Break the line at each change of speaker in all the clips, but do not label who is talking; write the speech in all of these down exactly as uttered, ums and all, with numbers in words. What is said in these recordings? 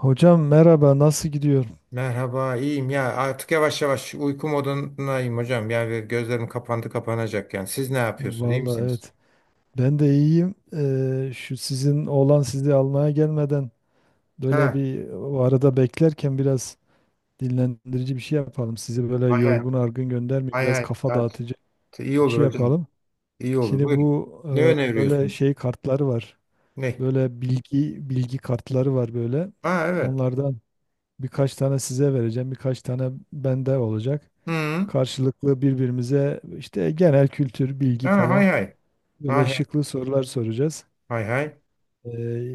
Hocam merhaba, nasıl gidiyor?
Merhaba, iyiyim ya. Artık yavaş yavaş uyku modundayım hocam. Yani gözlerim kapandı kapanacak yani. Siz ne yapıyorsunuz? İyi
Vallahi
misiniz?
evet. Ben de iyiyim. Ee, şu sizin oğlan sizi almaya gelmeden böyle
Ha,
bir o arada beklerken biraz dinlendirici bir şey yapalım. Sizi böyle
hay hay.
yorgun argın göndermeyeyim.
Hay
Biraz
hay.
kafa
Ya,
dağıtıcı
t- iyi
bir
olur
şey
hocam.
yapalım.
İyi olur.
Şimdi
Buyurun.
bu
Ne
e, böyle
öneriyorsunuz?
şey kartları var.
Ne?
Böyle bilgi bilgi kartları var böyle.
Ha, evet.
Onlardan birkaç tane size vereceğim. Birkaç tane bende olacak.
Hı.
Karşılıklı birbirimize işte genel kültür, bilgi
Ha,
falan.
hay hay.
Böyle
Hay hay.
şıklı sorular soracağız.
Hay hay.
Ee,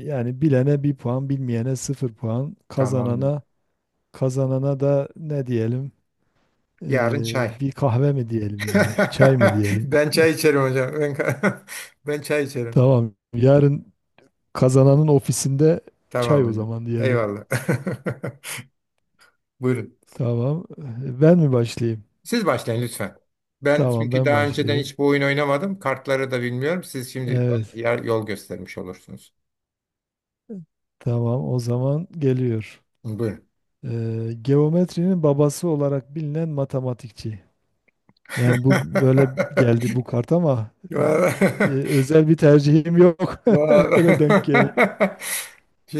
Yani bilene bir puan, bilmeyene sıfır puan,
Tamamdır.
kazanana kazanana da ne diyelim?
Yarın
Ee,
çay.
bir kahve mi diyelim yani? Çay mı diyelim?
Ben çay içerim hocam. Ben, ben çay içerim.
Tamam. Yarın kazananın ofisinde
Tamam
çay o
hocam.
zaman diyelim.
Eyvallah. Buyurun.
Tamam. Ee, Ben mi başlayayım?
Siz başlayın lütfen. Ben
Tamam,
çünkü
ben
daha önceden
başlayayım.
hiç bu oyun oynamadım. Kartları da bilmiyorum. Siz şimdi bana
Evet,
yer- yol göstermiş olursunuz.
tamam. O zaman geliyor.
Buyurun.
Ee, geometrinin babası olarak bilinen matematikçi. Yani bu böyle geldi bu kart ama e, e,
Vallahi-
özel bir tercihim yok. Öyle denk geldi.
vallahi-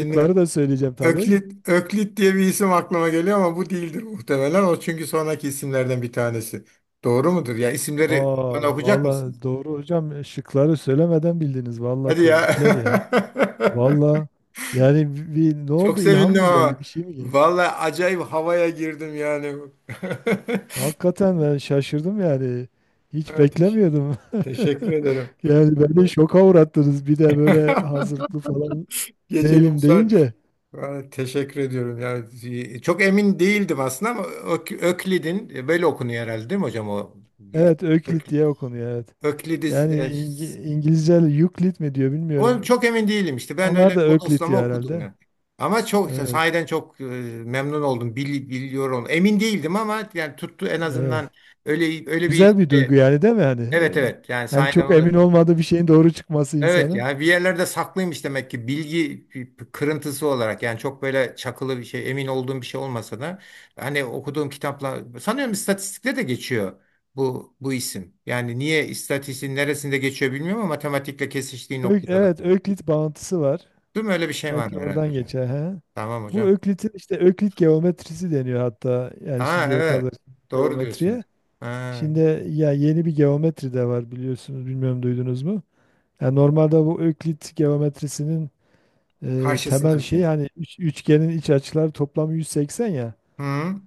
Şıkları da söyleyeceğim tabii.
Öklit, Öklit diye bir isim aklıma geliyor ama bu değildir muhtemelen. O çünkü sonraki isimlerden bir tanesi. Doğru mudur? Ya isimleri bana
Aa,
okuyacak mısınız?
valla doğru hocam. E, şıkları söylemeden bildiniz. Valla
Hadi ya.
tebrikler ya. Valla yani bir, bir- ne
Çok
oldu? İlham
sevindim
mı geldi?
ama.
Bir şey mi geldi?
Vallahi acayip havaya girdim yani.
Hakikaten ben şaşırdım yani. Hiç
Evet,
beklemiyordum.
teşekkür ederim.
Yani beni şoka uğrattınız. Bir de böyle hazırlıklı falan
Geceli
değilim
Uysal,
deyince.
yani teşekkür ediyorum. Yani çok emin değildim aslında ama Ök- Öklid'in e, böyle okunuyor herhalde değil mi hocam o?
Evet,
Ök,
Öklit diye okunuyor. Evet.
Öklidiz
Yani
e,
İngi-
s-
İngilizce Euclid mi diyor
o
bilmiyorum.
çok emin değilim işte. Ben
Onlar
öyle
da Euclid
bodoslama
diyor
okudum
herhalde.
ya. Ama çok
Evet,
sahiden çok e, memnun oldum. Bil- biliyorum. Emin değildim ama yani tuttu en azından
evet.
öyle öyle bir
Güzel bir duygu
ismi.
yani, değil mi hani? e,
Evet, evet. Yani
Yani
sahiden
çok emin
onu.
olmadığı bir şeyin doğru çıkması
Evet
insanın.
ya, bir yerlerde saklıymış demek ki bilgi p- p- kırıntısı olarak, yani çok böyle çakılı bir şey, emin olduğum bir şey olmasa da hani okuduğum kitapla sanıyorum istatistikte de geçiyor bu bu isim. Yani niye istatistiğin neresinde geçiyor bilmiyorum ama matematikle kesiştiği
Ö-
noktada
Evet,
da.
Öklit bağıntısı var.
Değil mi? Öyle bir şey var
Belki
herhalde
oradan
hocam.
geçer. He.
Tamam
Bu
hocam.
Öklitin işte Öklit geometrisi deniyor hatta, yani
Ha,
şimdiye
evet.
kadar
Doğru
geometriye.
diyorsunuz. Ha,
Şimdi ya yeni bir geometri de var, biliyorsunuz, bilmiyorum duydunuz mu? Yani normalde bu Öklit geometrisinin e,
karşısına
temel
bir şey.
şey, hani üç- üçgenin iç açıları toplamı yüz seksen ya.
Hı.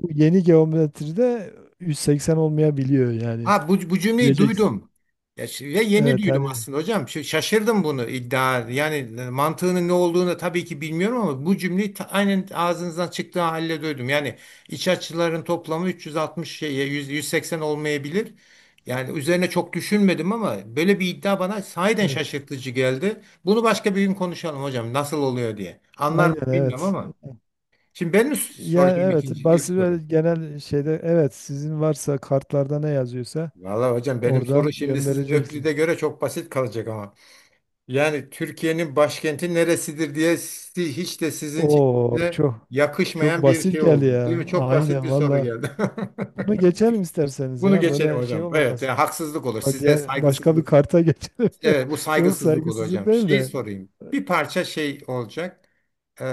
Bu yeni geometride yüz seksen olmayabiliyor yani.
Ha, bu, bu cümleyi
Diyeceksin.
duydum. Ya, ş- ve yeni
Evet
duydum
hani
aslında hocam. Ş- Şaşırdım bunu iddia. Yani e, mantığının ne olduğunu tabii ki bilmiyorum ama bu cümleyi ta- aynen ağzınızdan çıktığı halde duydum. Yani iç açıların toplamı üç yüz altmış şey ya, yüz, yüz seksen olmayabilir. Yani üzerine çok düşünmedim ama böyle bir iddia bana sahiden
evet.
şaşırtıcı geldi. Bunu başka bir gün konuşalım hocam. Nasıl oluyor diye. Anlar mı
Aynen
bilmiyorum
evet.
ama. Şimdi benim
Ya
soracağım
evet,
ikinci ilk
basit ve
sorum.
genel şeyde evet, sizin varsa kartlarda ne yazıyorsa
Valla hocam benim soru
oradan
şimdi sizin Öklid'e
göndereceksiniz.
göre çok basit kalacak ama. Yani Türkiye'nin başkenti neresidir diye si- hiç de sizin
Oo
size
çok çok
yakışmayan bir
basit
şey
geldi
oldu. Değil mi?
ya.
Çok basit
Aynen
bir soru
valla.
geldi.
Bunu geçelim isterseniz
Bunu
ya.
geçelim
Böyle şey
hocam. Evet,
olmaz.
yani haksızlık olur.
Ba-
Size
Diğer başka bir
saygısızlık.
karta geçelim.
Evet, bu
Yok,
saygısızlık olur
saygısızlık
hocam.
değil
Şey
de.
sorayım. Bir parça şey olacak, e,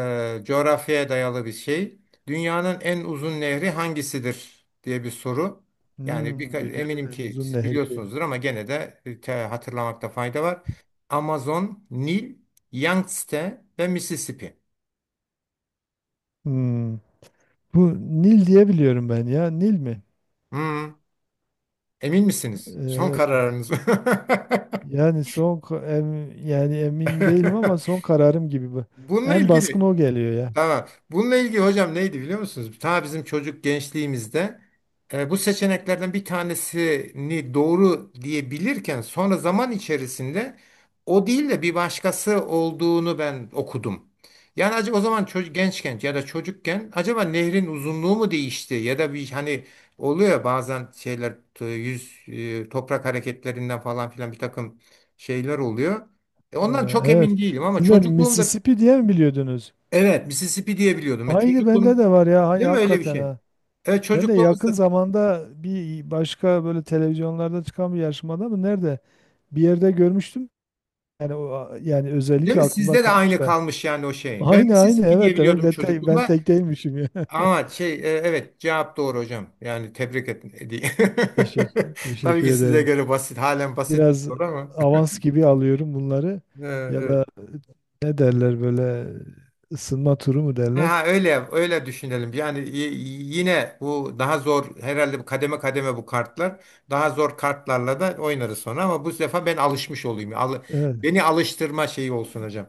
coğrafyaya dayalı bir şey. Dünyanın en uzun nehri hangisidir diye bir soru. Yani
Hmm,
birka-
dünyanın
eminim
en
ki
uzun
siz
nehri.
biliyorsunuzdur ama gene de e, te- hatırlamakta fayda var. Amazon, Nil, Yangtze ve Mississippi.
Hmm. Bu Nil diye biliyorum ben ya. Nil mi?
Hmm, emin
Ee,
misiniz? Son
Evet.
kararınız mı?
Yani son ka- em- yani emin değilim ama son kararım gibi bu.
Bununla
En baskın
ilgili.
o geliyor ya.
Tamam. Bununla ilgili hocam neydi biliyor musunuz? Ta bizim çocuk gençliğimizde e, bu seçeneklerden bir tanesini doğru diyebilirken sonra zaman içerisinde o değil de bir başkası olduğunu ben okudum. Yani acaba o zaman çocuk gençken ya da çocukken acaba nehrin uzunluğu mu değişti ya da bir hani oluyor ya bazen şeyler t- yüz e, toprak hareketlerinden falan filan bir takım şeyler oluyor. E,
Ee,
Ondan çok
evet.
emin değilim ama
Siz de
çocukluğumda.
Mississippi diye mi biliyordunuz?
Evet, Mississippi diye biliyordum. Ve
Aynı bende
çocukluğum,
de var ya. Aynı
değil mi öyle bir
hakikaten
şey?
ha.
Evet,
Ben de yakın
çocukluğumuzda,
zamanda bir başka böyle televizyonlarda çıkan bir yarışmada mı nerede bir yerde görmüştüm. Yani o yani
değil
özellikle
mi?
aklımda
Sizde de
kalmış
aynı
da.
kalmış yani o şey. Ben
Aynı aynı
Mississippi diye
evet, demek
biliyordum
ben tek, ben
çocukluğumda.
tek değilmişim ya.
Ama şey, e, evet, cevap doğru hocam. Yani tebrik ettim.
Teşekkür,
Tabii
teşekkür
ki size
ederim.
göre basit, halen basit bir
Biraz
soru ama.
avans gibi alıyorum bunları.
Ee,
Ya
evet.
da
E,
ne derler böyle, ısınma turu mu derler?
Ha, öyle öyle düşünelim. Yani y- yine bu daha zor herhalde bu kademe kademe bu kartlar. Daha zor kartlarla da oynarız sonra ama bu sefer ben alışmış olayım. Al-
Evet,
beni alıştırma şeyi olsun hocam.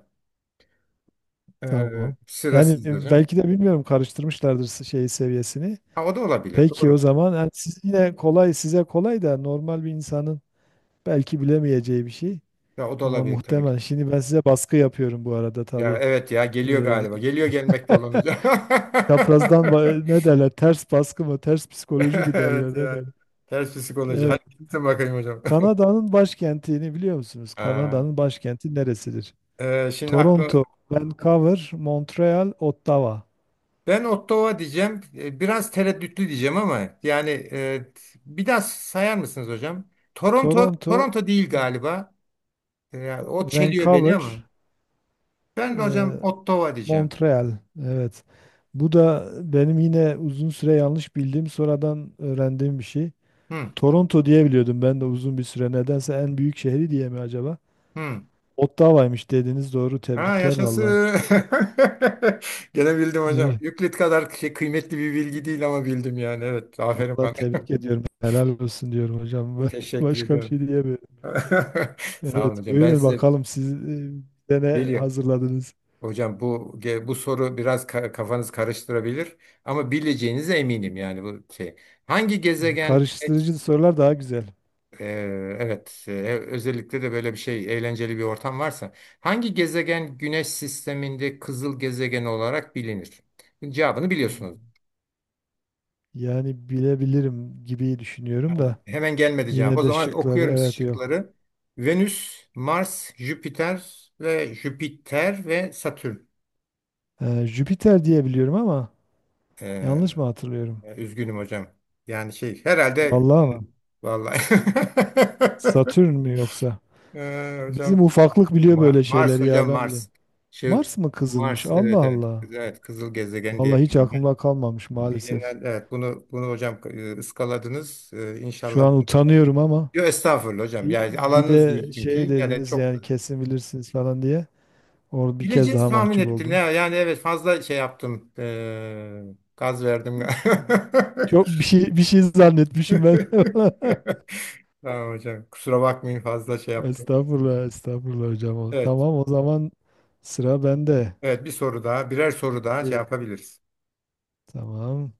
Ee,
tamam.
sıra
Yani
sizde hocam.
belki de bilmiyorum karıştırmışlardır s- şey seviyesini.
Ha, o da olabilir.
Peki
Doğru.
o zaman yani siz yine kolay, size kolay da normal bir insanın belki bilemeyeceği bir şey.
Ya, o da
Ama
olabilir tabii ki.
muhtemel. Şimdi ben size baskı yapıyorum bu arada
Ya
tabii.
evet, ya geliyor
Ee,
galiba. Geliyor, gelmekte olan hocam.
Çaprazdan ba- ne derler? Ters baskı mı? Ters psikoloji mi derler?
Evet
Ne
ya.
derler?
Ters psikoloji. Hadi
Evet.
gitsin bakayım hocam.
Kanada'nın başkentini biliyor musunuz?
Ha,
Kanada'nın başkenti neresidir?
e, şimdi aklı
Toronto, Vancouver, Montreal, Ottawa.
ben Ottawa diyeceğim. E, Biraz tereddütlü diyeceğim ama yani e, bir daha sayar mısınız hocam? Toronto,
Toronto,
Toronto değil galiba. E, o çeliyor beni
Vancouver,
ama. Ben de
e,
hocam Ottawa diyeceğim.
Montreal. Evet. Bu da benim yine uzun süre yanlış bildiğim, sonradan öğrendiğim bir şey.
Hı,
Toronto diye biliyordum ben de uzun bir süre. Nedense en büyük şehri diye mi acaba?
hı.
Ottawa'ymış dediniz, doğru.
Ha,
Tebrikler valla.
yaşasın. Gene bildim hocam.
Evet,
Euclid kadar şey, kıymetli bir bilgi değil ama bildim yani. Evet, aferin
valla
bana.
tebrik ediyorum. Helal olsun diyorum hocam.
Teşekkür
Başka bir
ediyorum.
şey diyemiyorum.
Sağ olun
Evet,
hocam. Ben
buyurun
size
bakalım siz e, bize ne
geliyor.
hazırladınız?
Hocam bu ge- bu soru biraz ka- kafanız karıştırabilir ama bileceğinize eminim yani bu şey. Hangi
E,
gezegen
karıştırıcı sorular daha güzel.
Ee, evet, e, özellikle de böyle bir şey eğlenceli bir ortam varsa hangi gezegen Güneş sisteminde kızıl gezegen olarak bilinir? Cevabını biliyorsunuz.
Hmm. Yani bilebilirim gibi düşünüyorum da
Hemen gelmedi cevap. O
yine de
zaman
şıkları
okuyorum
evet yok.
şıkları. Venüs, Mars, Jüpiter ve Jüpiter ve Satürn.
E, Jüpiter diye biliyorum ama
Ee,
yanlış mı hatırlıyorum?
üzgünüm hocam. Yani şey herhalde
Vallahi ama
vallahi.
Satürn mü yoksa?
Ee,
Bizim
hocam
ufaklık biliyor
Ma-
böyle
Mars
şeyleri ya,
hocam,
ben bileyim.
Mars. Şey,
Mars mı kızılmış?
Mars,
Allah
evet evet.
Allah.
Evet, kızıl gezegen diye
Vallahi hiç
bilinen.
aklımda kalmamış maalesef.
Bilinen, evet, bunu bunu hocam e, ıskaladınız. Ee,
Şu
İnşallah.
an utanıyorum ama
Yo, estağfurullah hocam.
bir,
Yani
bir
alanınız
de
değil
şey
çünkü. Yani
dediniz
çok
yani kesin bilirsiniz falan diye. Orada bir kez
bileceğiz
daha
tahmin
mahcup
ettim
oldum.
ya. Yani evet fazla şey yaptım. Ee, gaz verdim.
Çok bir şey bir şey zannetmişim ben.
Tamam hocam. Kusura bakmayın fazla şey yaptım.
Estağfurullah, estağfurullah hocam. O-
Evet.
Tamam, o zaman sıra bende.
Evet, bir soru daha. Birer soru daha şey
Şimdi
yapabiliriz.
tamam.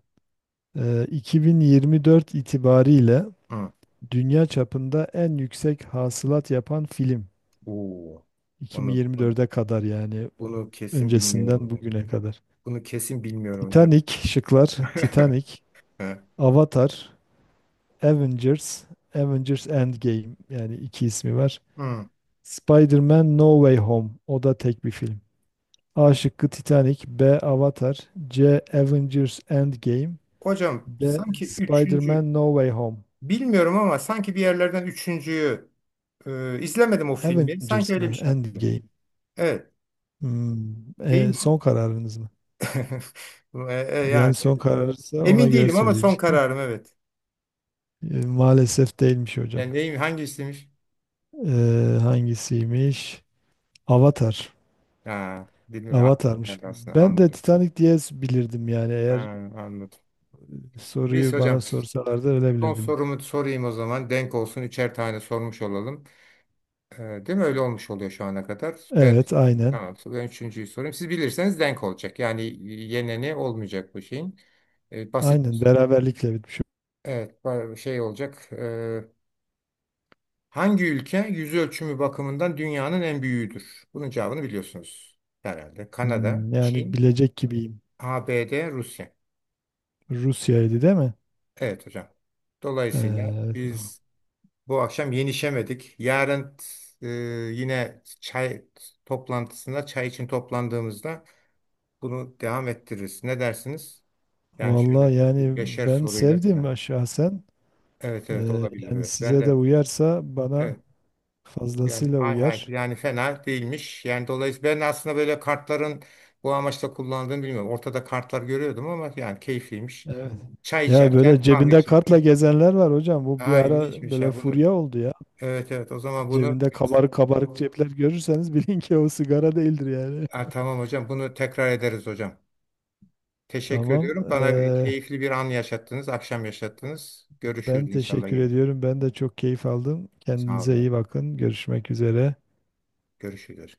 Ee, iki bin yirmi dört itibariyle
Hı.
dünya çapında en yüksek hasılat yapan film.
Oo. Onu,
iki bin yirmi dörde kadar yani,
bunu kesin bilmiyorum
öncesinden
hocam.
bugüne kadar.
Bunu kesin bilmiyorum hocam.
Titanic, şıklar Titanic,
He.
Avatar, Avengers, Avengers Endgame yani iki ismi var.
Hı.
Spider-Man No Way Home. O da tek bir film. A şıkkı Titanic, B Avatar, C Avengers Endgame,
Hocam,
D
sanki üçüncü
Spider-Man No Way Home.
bilmiyorum ama sanki bir yerlerden üçüncüyü e, izlemedim o filmi. Sanki
Avengers
öyle bir
mı?
şey hatırlıyorum.
Endgame.
Evet.
Hmm,
Değil
e,
mi?
son kararınız mı?
E, e, yani
Yani son kararsa ona
emin
göre
değilim ama son
söyleyeceğim.
kararım evet.
E, maalesef değilmiş hocam.
Yani neyim hangi istemiş?
E, hangisiymiş? Avatar.
Ha, bilmiyorum. Aklıma
Avatar'mış.
geldi. Aslında
Ben de
anladım.
Titanic diye bilirdim yani,
Ha,
eğer
anladım. Neyse
soruyu bana
hocam,
sorsalardı öyle
son
bilirdim.
sorumu sorayım o zaman. Denk olsun, üçer tane sormuş olalım. E, değil mi? Öyle olmuş oluyor şu ana kadar. Ben,
Evet, aynen.
tamam, ben üçüncüyü sorayım. Siz bilirseniz denk olacak. Yani yeneni olmayacak bu şeyin. E, basit,
Aynen beraberlikle bitmiş.
evet, ba- şey olacak. E, hangi ülke yüz ölçümü bakımından dünyanın en büyüğüdür? Bunun cevabını biliyorsunuz herhalde. Kanada,
Hmm, yani
Çin,
bilecek gibiyim.
A B D, Rusya.
Rusya'ydı değil mi?
Evet hocam. Dolayısıyla
Ee,
biz bu akşam yenişemedik. Yarın e, yine çay toplantısında, çay için toplandığımızda bunu devam ettiririz. Ne dersiniz? Yani şöyle
valla
bir
yani
beşer
ben
soruyla
sevdim,
falan.
ben şahsen.
Evet evet,
Ee,
olabilir.
yani
Evet. Ben
size de
de
uyarsa bana
evet. Yani
fazlasıyla
hay hay,
uyar.
yani fena değilmiş. Yani dolayısıyla ben aslında böyle kartların bu amaçla kullandığını bilmiyorum. Ortada kartlar görüyordum ama yani keyifliymiş.
Evet.
Çay
Ya
içerken,
böyle
kahve
cebinde kartla
içerken.
gezenler var hocam. Bu bir
Aa,
ara
ilginçmiş
böyle
ya bunu.
furya oldu ya.
Evet evet, o zaman bunu.
Cebinde kabarık kabarık cepler görürseniz bilin ki o sigara değildir yani.
Ha, tamam hocam, bunu tekrar ederiz hocam. Teşekkür
Tamam.
ediyorum. Bana
Ee,
keyifli bir an yaşattınız, akşam yaşattınız.
ben
Görüşürüz inşallah
teşekkür
yine.
ediyorum. Ben de çok keyif aldım.
Sağ olun
Kendinize iyi
hocam.
bakın. Görüşmek üzere.
Görüşürüz.